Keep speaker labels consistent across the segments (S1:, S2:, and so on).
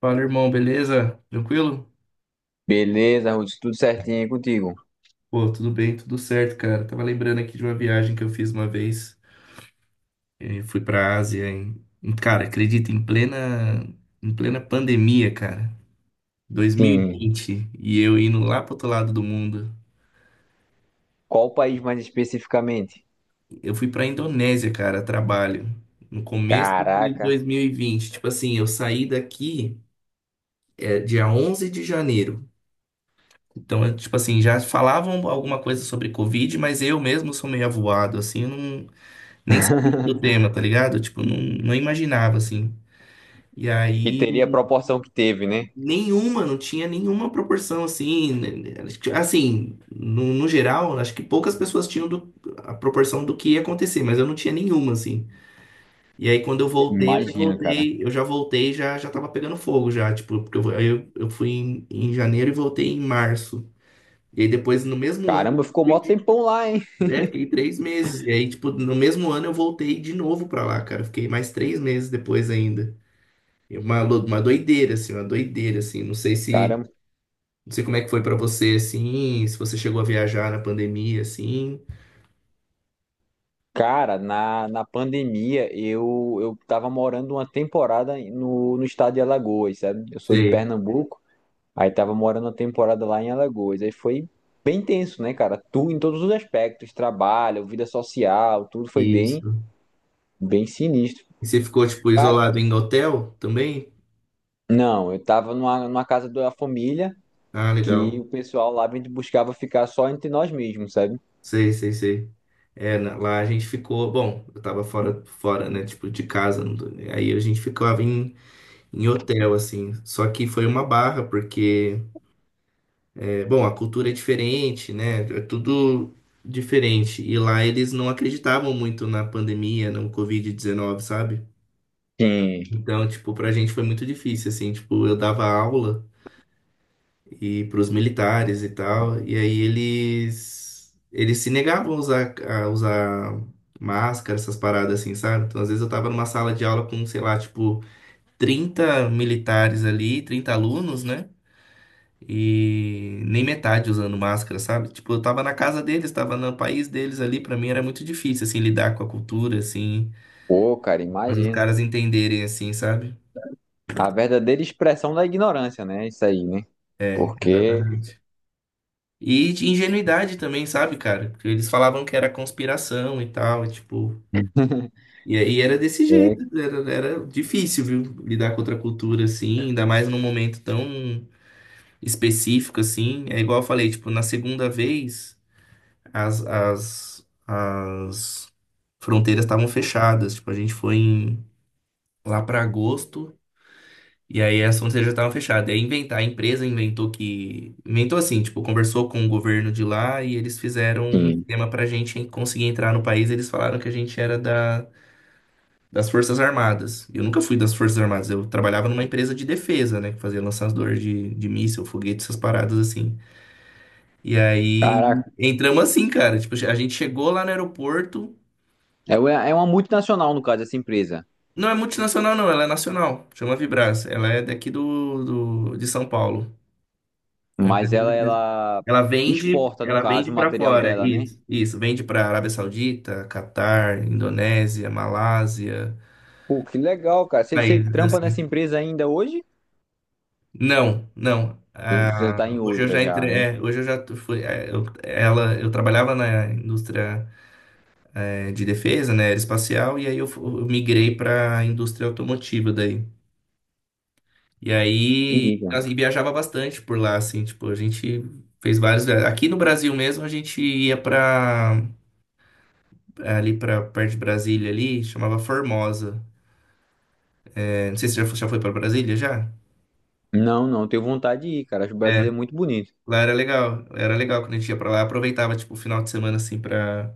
S1: Fala, irmão, beleza? Tranquilo?
S2: Beleza, Ruth, tudo certinho aí contigo?
S1: Pô, tudo bem, tudo certo, cara. Tava lembrando aqui de uma viagem que eu fiz uma vez. Fui pra Ásia em, cara, acredita, em plena pandemia, cara.
S2: Sim.
S1: 2020, e eu indo lá pro outro lado do mundo.
S2: Qual país mais especificamente?
S1: Eu fui pra Indonésia, cara, a trabalho. No começo de
S2: Caraca.
S1: 2020. Tipo assim, eu saí daqui dia 11 de janeiro. Então, tipo assim, já falavam alguma coisa sobre Covid, mas eu mesmo sou meio avoado, assim, eu nem sabia do tema, tá ligado? Tipo, não, não imaginava, assim. E
S2: E teria a
S1: aí,
S2: proporção que teve, né?
S1: nenhuma, não tinha nenhuma proporção, assim. Né, Assim, no geral, acho que poucas pessoas tinham a proporção do que ia acontecer, mas eu não tinha nenhuma, assim. E aí, quando eu voltei,
S2: Imagino, cara.
S1: já, já tava pegando fogo, já. Tipo, porque eu fui em, em janeiro e voltei em março. E aí, depois, no mesmo ano,
S2: Caramba, ficou
S1: fui
S2: mó
S1: de-
S2: tempão lá, hein?
S1: é, fiquei 3 meses. E aí, tipo, no mesmo ano eu voltei de novo pra lá, cara. Fiquei mais 3 meses depois ainda. E uma doideira, assim, uma doideira, assim. Não sei se,
S2: Caramba.
S1: não sei como é que foi pra você, assim, se você chegou a viajar na pandemia, assim.
S2: Cara, na pandemia eu tava morando uma temporada no estado de Alagoas, sabe? Eu sou de
S1: Sei,
S2: Pernambuco, aí tava morando uma temporada lá em Alagoas. Aí foi bem tenso, né, cara? Tu, em todos os aspectos, trabalho, vida social, tudo foi bem,
S1: isso.
S2: bem sinistro.
S1: E você ficou, tipo, isolado em hotel também?
S2: Não, eu tava numa casa da família
S1: Ah,
S2: que
S1: legal.
S2: o pessoal lá me buscava ficar só entre nós mesmos, sabe?
S1: Sei, sei, sei. É, lá a gente ficou, bom, eu tava fora, né, tipo, de casa. Não tô- Aí a gente ficava em, em hotel, assim. Só que foi uma barra, porque... É, bom, a cultura é diferente, né? É tudo diferente. E lá eles não acreditavam muito na pandemia, no Covid-19, sabe?
S2: Sim.
S1: Então, tipo, pra gente foi muito difícil, assim. Tipo, eu dava aula e pros militares e tal, e aí eles se negavam a usar máscara, essas paradas assim, sabe? Então, às vezes eu tava numa sala de aula com, sei lá, tipo, 30 militares ali, 30 alunos, né? E nem metade usando máscara, sabe? Tipo, eu tava na casa deles, tava no país deles ali, pra mim era muito difícil, assim, lidar com a cultura, assim,
S2: Pô, cara,
S1: fazer os
S2: imagina.
S1: caras entenderem, assim, sabe?
S2: A verdadeira expressão da ignorância, né? Isso aí, né?
S1: É,
S2: Porque,
S1: exatamente. E de ingenuidade também, sabe, cara? Porque eles falavam que era conspiração e tal, e tipo. E aí era desse jeito,
S2: é,
S1: era difícil, viu? Lidar com outra cultura, assim, ainda mais num momento tão específico, assim. É igual eu falei, tipo, na segunda vez. As fronteiras estavam fechadas. Tipo, a gente foi em- lá para agosto e aí as fronteiras já estavam fechadas. E aí a empresa inventou que. Inventou assim, tipo, conversou com o governo de lá e eles fizeram um
S2: sim.
S1: esquema pra gente conseguir entrar no país. Eles falaram que a gente era da. Das Forças Armadas. Eu nunca fui das Forças Armadas. Eu trabalhava numa empresa de defesa, né? Que fazia lançador de míssil, foguete, essas paradas assim. E aí
S2: Caraca.
S1: entramos assim, cara. Tipo, a gente chegou lá no aeroporto.
S2: É, é uma multinacional, no caso, essa empresa.
S1: Não é multinacional, não, ela é nacional. Chama Vibras. Ela é daqui do, de São Paulo. É uma
S2: Mas
S1: empresa
S2: ela,
S1: muito grande.
S2: ela exporta, no
S1: Ela vende
S2: caso, o
S1: para
S2: material
S1: fora.
S2: dela, né?
S1: Isso, isso. Vende para Arábia Saudita, Catar, Indonésia, Malásia,
S2: Pô, que legal, cara. Você
S1: países
S2: trampa
S1: assim.
S2: nessa empresa ainda hoje?
S1: Não, não.
S2: Ou você
S1: Ah,
S2: tá em
S1: hoje eu
S2: outra
S1: já
S2: já,
S1: entrei.
S2: né?
S1: Hoje eu fui. Eu trabalhava na indústria de defesa, né, aeroespacial, e aí eu migrei para a indústria automotiva daí. E aí,
S2: Entendi, cara.
S1: assim, viajava bastante por lá, assim, tipo, a gente fez vários. Aqui no Brasil mesmo, a gente ia pra, ali pra perto de Brasília ali, chamava Formosa. É, não sei se você já foi pra Brasília, já?
S2: Não, não, tenho vontade de ir, cara. Acho o
S1: É,
S2: Brasil é muito bonito.
S1: lá era legal quando a gente ia pra lá, aproveitava, tipo, o final de semana, assim, pra,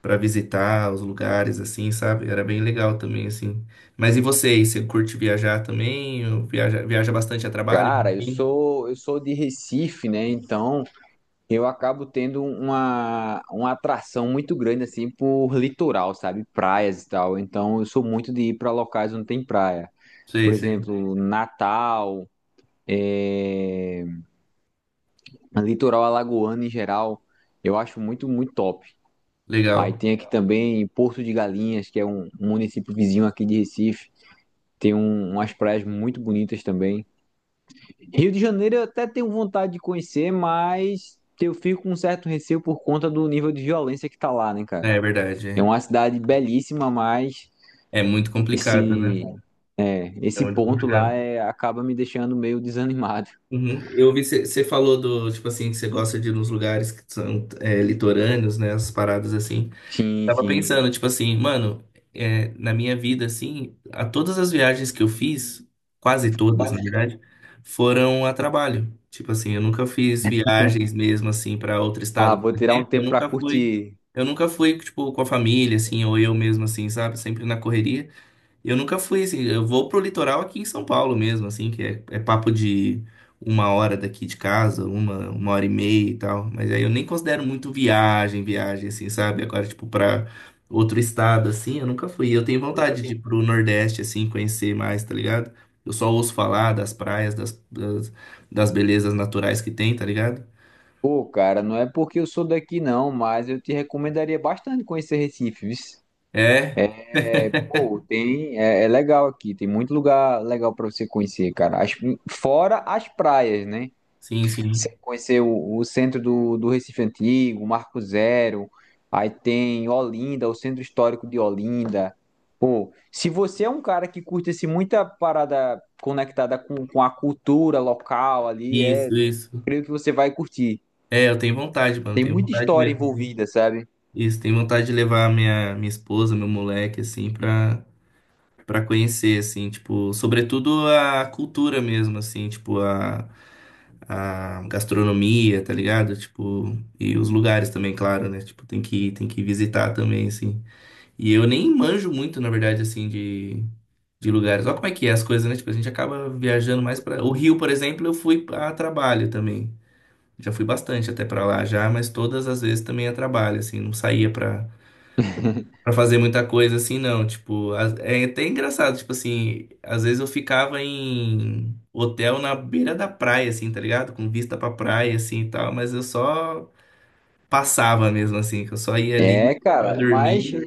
S1: pra visitar os lugares, assim, sabe? Era bem legal também, assim. Mas e você aí, você curte viajar também? Ou viaja bastante a trabalho?
S2: Cara, eu
S1: Sim.
S2: sou eu sou de Recife, né? Então eu acabo tendo uma atração muito grande assim por litoral, sabe? Praias e tal. Então eu sou muito de ir para locais onde tem praia. Por
S1: Sei, sei.
S2: exemplo, Natal, é... litoral alagoano em geral, eu acho muito, muito top. Aí
S1: Legal.
S2: tem aqui também Porto de Galinhas, que é um município vizinho aqui de Recife. Umas praias muito bonitas também. Rio de Janeiro eu até tenho vontade de conhecer, mas eu fico com um certo receio por conta do nível de violência que tá lá, né,
S1: É,
S2: cara?
S1: é verdade.
S2: É uma
S1: É.
S2: cidade belíssima, mas
S1: É muito complicado,
S2: esse,
S1: né?
S2: é,
S1: É
S2: esse
S1: muito
S2: ponto lá
S1: complicado.
S2: é, acaba me deixando meio desanimado.
S1: Uhum. Eu vi você falou do tipo assim que você gosta de ir nos lugares que são litorâneos, né? As paradas assim.
S2: Sim,
S1: Tava
S2: sim.
S1: pensando tipo assim, mano, na minha vida assim, a todas as viagens que eu fiz, quase todas na verdade, foram a trabalho. Tipo assim, eu nunca fiz viagens mesmo assim para outro
S2: Ah,
S1: estado, por
S2: vou tirar um
S1: exemplo.
S2: tempo pra curtir.
S1: Eu nunca fui tipo com a família assim ou eu mesmo assim, sabe? Sempre na correria. Eu nunca fui assim, eu vou pro litoral aqui em São Paulo mesmo, assim, que é, é papo de uma hora daqui de casa, uma hora e meia e tal. Mas aí eu nem considero muito viagem, assim, sabe? Agora, tipo, pra outro estado, assim, eu nunca fui. Eu tenho vontade de ir pro Nordeste, assim, conhecer mais, tá ligado? Eu só ouço falar das praias, das belezas naturais que tem, tá ligado?
S2: Pô, cara, não é porque eu sou daqui não, mas eu te recomendaria bastante conhecer Recife, viu?
S1: É,
S2: É. Pô, tem, é, é legal aqui, tem muito lugar legal para você conhecer, cara. Fora as praias, né?
S1: sim, sim.
S2: Você conhecer o centro do Recife Antigo, Marco Zero, aí tem Olinda, o centro histórico de Olinda. Pô, se você é um cara que curte assim, muita parada conectada com a cultura local ali, é,
S1: Isso,
S2: eu
S1: isso.
S2: creio que você vai curtir.
S1: É, eu tenho vontade, mano,
S2: Tem
S1: tenho
S2: muita
S1: vontade
S2: história
S1: mesmo, assim.
S2: envolvida, sabe?
S1: Isso, tenho vontade de levar minha, minha esposa, meu moleque, assim, pra, pra conhecer, assim, tipo, sobretudo a cultura mesmo, assim, tipo, a gastronomia, tá ligado? Tipo, e os lugares também, claro, né? Tipo, tem que visitar também, assim. E eu nem manjo muito, na verdade, assim, de lugares. Olha como é que é as coisas, né? Tipo, a gente acaba viajando mais pra. O Rio, por exemplo, eu fui a trabalho também. Já fui bastante até pra lá já, mas todas as vezes também a trabalho, assim, não saía pra pra fazer muita coisa assim, não. Tipo, é até engraçado, tipo assim, às vezes eu ficava em hotel na beira da praia, assim, tá ligado? Com vista pra praia, assim e tal, mas eu só passava mesmo, assim, que eu só ia ali
S2: É,
S1: pra
S2: cara, mas
S1: dormir.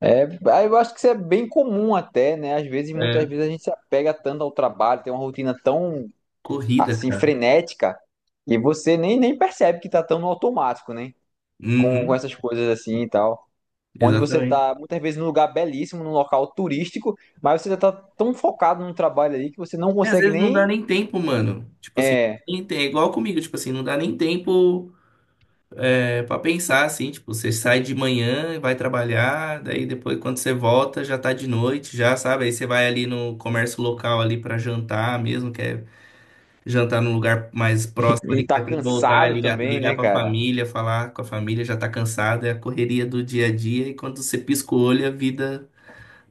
S2: é, aí eu acho que isso é bem comum até, né? Às vezes, muitas
S1: É,
S2: vezes a gente se apega tanto ao trabalho, tem uma rotina tão
S1: corrida,
S2: assim
S1: cara.
S2: frenética e você nem percebe que tá tão no automático, né? Com
S1: Uhum,
S2: essas coisas assim e tal. Onde você
S1: exatamente.
S2: tá muitas vezes num lugar belíssimo, num local turístico, mas você já tá tão focado no trabalho ali que você não
S1: E às
S2: consegue
S1: vezes não dá
S2: nem
S1: nem tempo, mano. Tipo assim, não dá
S2: é,
S1: nem tem, é igual comigo, tipo assim, não dá nem tempo. É, para pensar assim, tipo, você sai de manhã e vai trabalhar, daí depois quando você volta já tá de noite, já sabe? Aí você vai ali no comércio local ali para jantar mesmo, que é jantar num lugar mais próximo
S2: e
S1: ali que
S2: tá
S1: você tem que voltar, e
S2: cansado também,
S1: ligar
S2: né,
S1: para
S2: cara?
S1: família, falar com a família, já tá cansado, é a correria do dia a dia e quando você pisca o olho a vida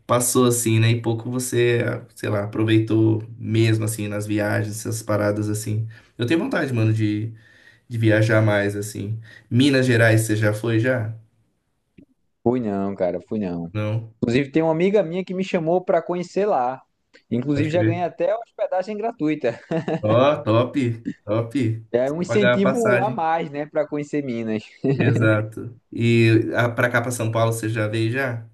S1: passou assim, né? E pouco você, sei lá, aproveitou mesmo assim nas viagens, essas paradas assim. Eu tenho vontade, mano, de viajar mais, assim. Minas Gerais, você já foi já?
S2: Fui não, cara, fui não.
S1: Não?
S2: Inclusive, tem uma amiga minha que me chamou pra conhecer lá.
S1: Pode
S2: Inclusive, já
S1: crer.
S2: ganhei até hospedagem gratuita.
S1: Ó, top, top.
S2: É um
S1: Só pagar a
S2: incentivo a
S1: passagem.
S2: mais, né, pra conhecer Minas.
S1: Exato. E a, pra cá, pra São Paulo, você já veio já?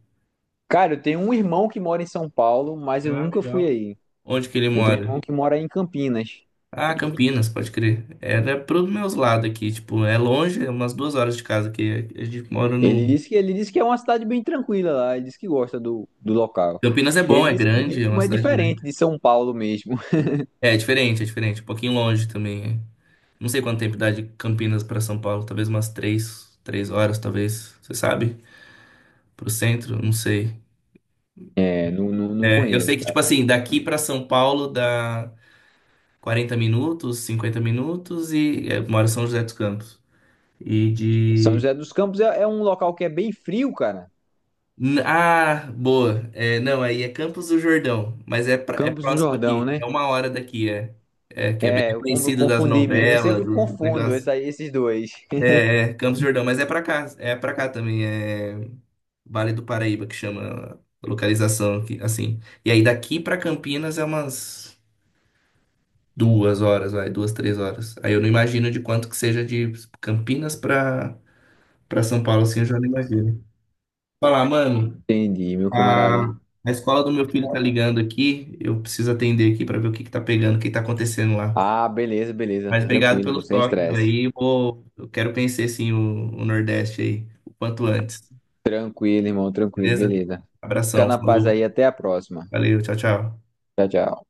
S2: Cara, eu tenho um irmão que mora em São Paulo, mas eu
S1: Ah,
S2: nunca fui
S1: legal.
S2: aí.
S1: Onde que ele
S2: Eu tenho um
S1: mora?
S2: irmão que mora em Campinas.
S1: Ah, Campinas, pode crer. Era pros meus lados aqui, tipo, é longe, é umas duas horas de casa aqui. A gente mora
S2: Ele
S1: no...
S2: disse que ele disse que é uma cidade bem tranquila lá, ele disse que gosta do local.
S1: Campinas é bom,
S2: Ele
S1: é
S2: disse que o
S1: grande, é uma
S2: ritmo é
S1: cidade grande.
S2: diferente de São Paulo mesmo.
S1: É, é diferente, é diferente. Um pouquinho longe também. É. Não sei quanto tempo dá de Campinas para São Paulo, talvez umas três horas, talvez. Você sabe? Pro centro, não sei.
S2: É, não
S1: É, eu sei
S2: conheço,
S1: que, tipo
S2: cara.
S1: assim, daqui para São Paulo dá 40 minutos, 50 minutos e é, eu moro em São José dos Campos. E
S2: São
S1: de.
S2: José dos Campos é, é um local que é bem frio, cara.
S1: Ah, boa. É, não, aí é Campos do Jordão, mas é, é
S2: Campos do
S1: próximo
S2: Jordão,
S1: aqui, é
S2: né?
S1: uma hora daqui, é. É, que é bem
S2: É, eu
S1: conhecido das
S2: confundi mesmo. Eu
S1: novelas,
S2: sempre
S1: dos
S2: confundo
S1: negócios.
S2: essa- esses dois.
S1: É, Campos do Jordão, mas é pra cá também, é. Vale do Paraíba, que chama a localização aqui, assim. E aí daqui pra Campinas é umas duas horas, vai, três horas. Aí eu não imagino de quanto que seja de Campinas pra para São Paulo, assim, eu já não imagino. Falar, mano,
S2: Entendi, meu
S1: a,
S2: camarada.
S1: a escola do meu filho tá ligando aqui, eu preciso atender aqui pra ver o que que tá pegando, o que tá acontecendo lá.
S2: Ah, beleza, beleza.
S1: Mas obrigado
S2: Tranquilo, pô,
S1: pelos
S2: sem
S1: toques
S2: estresse.
S1: aí, eu vou, eu quero conhecer, sim, o Nordeste aí, o quanto antes,
S2: Tranquilo, irmão, tranquilo,
S1: beleza?
S2: beleza. Fica
S1: Abração,
S2: na paz
S1: falou,
S2: aí, até a próxima.
S1: valeu, tchau, tchau.
S2: Tchau, tchau.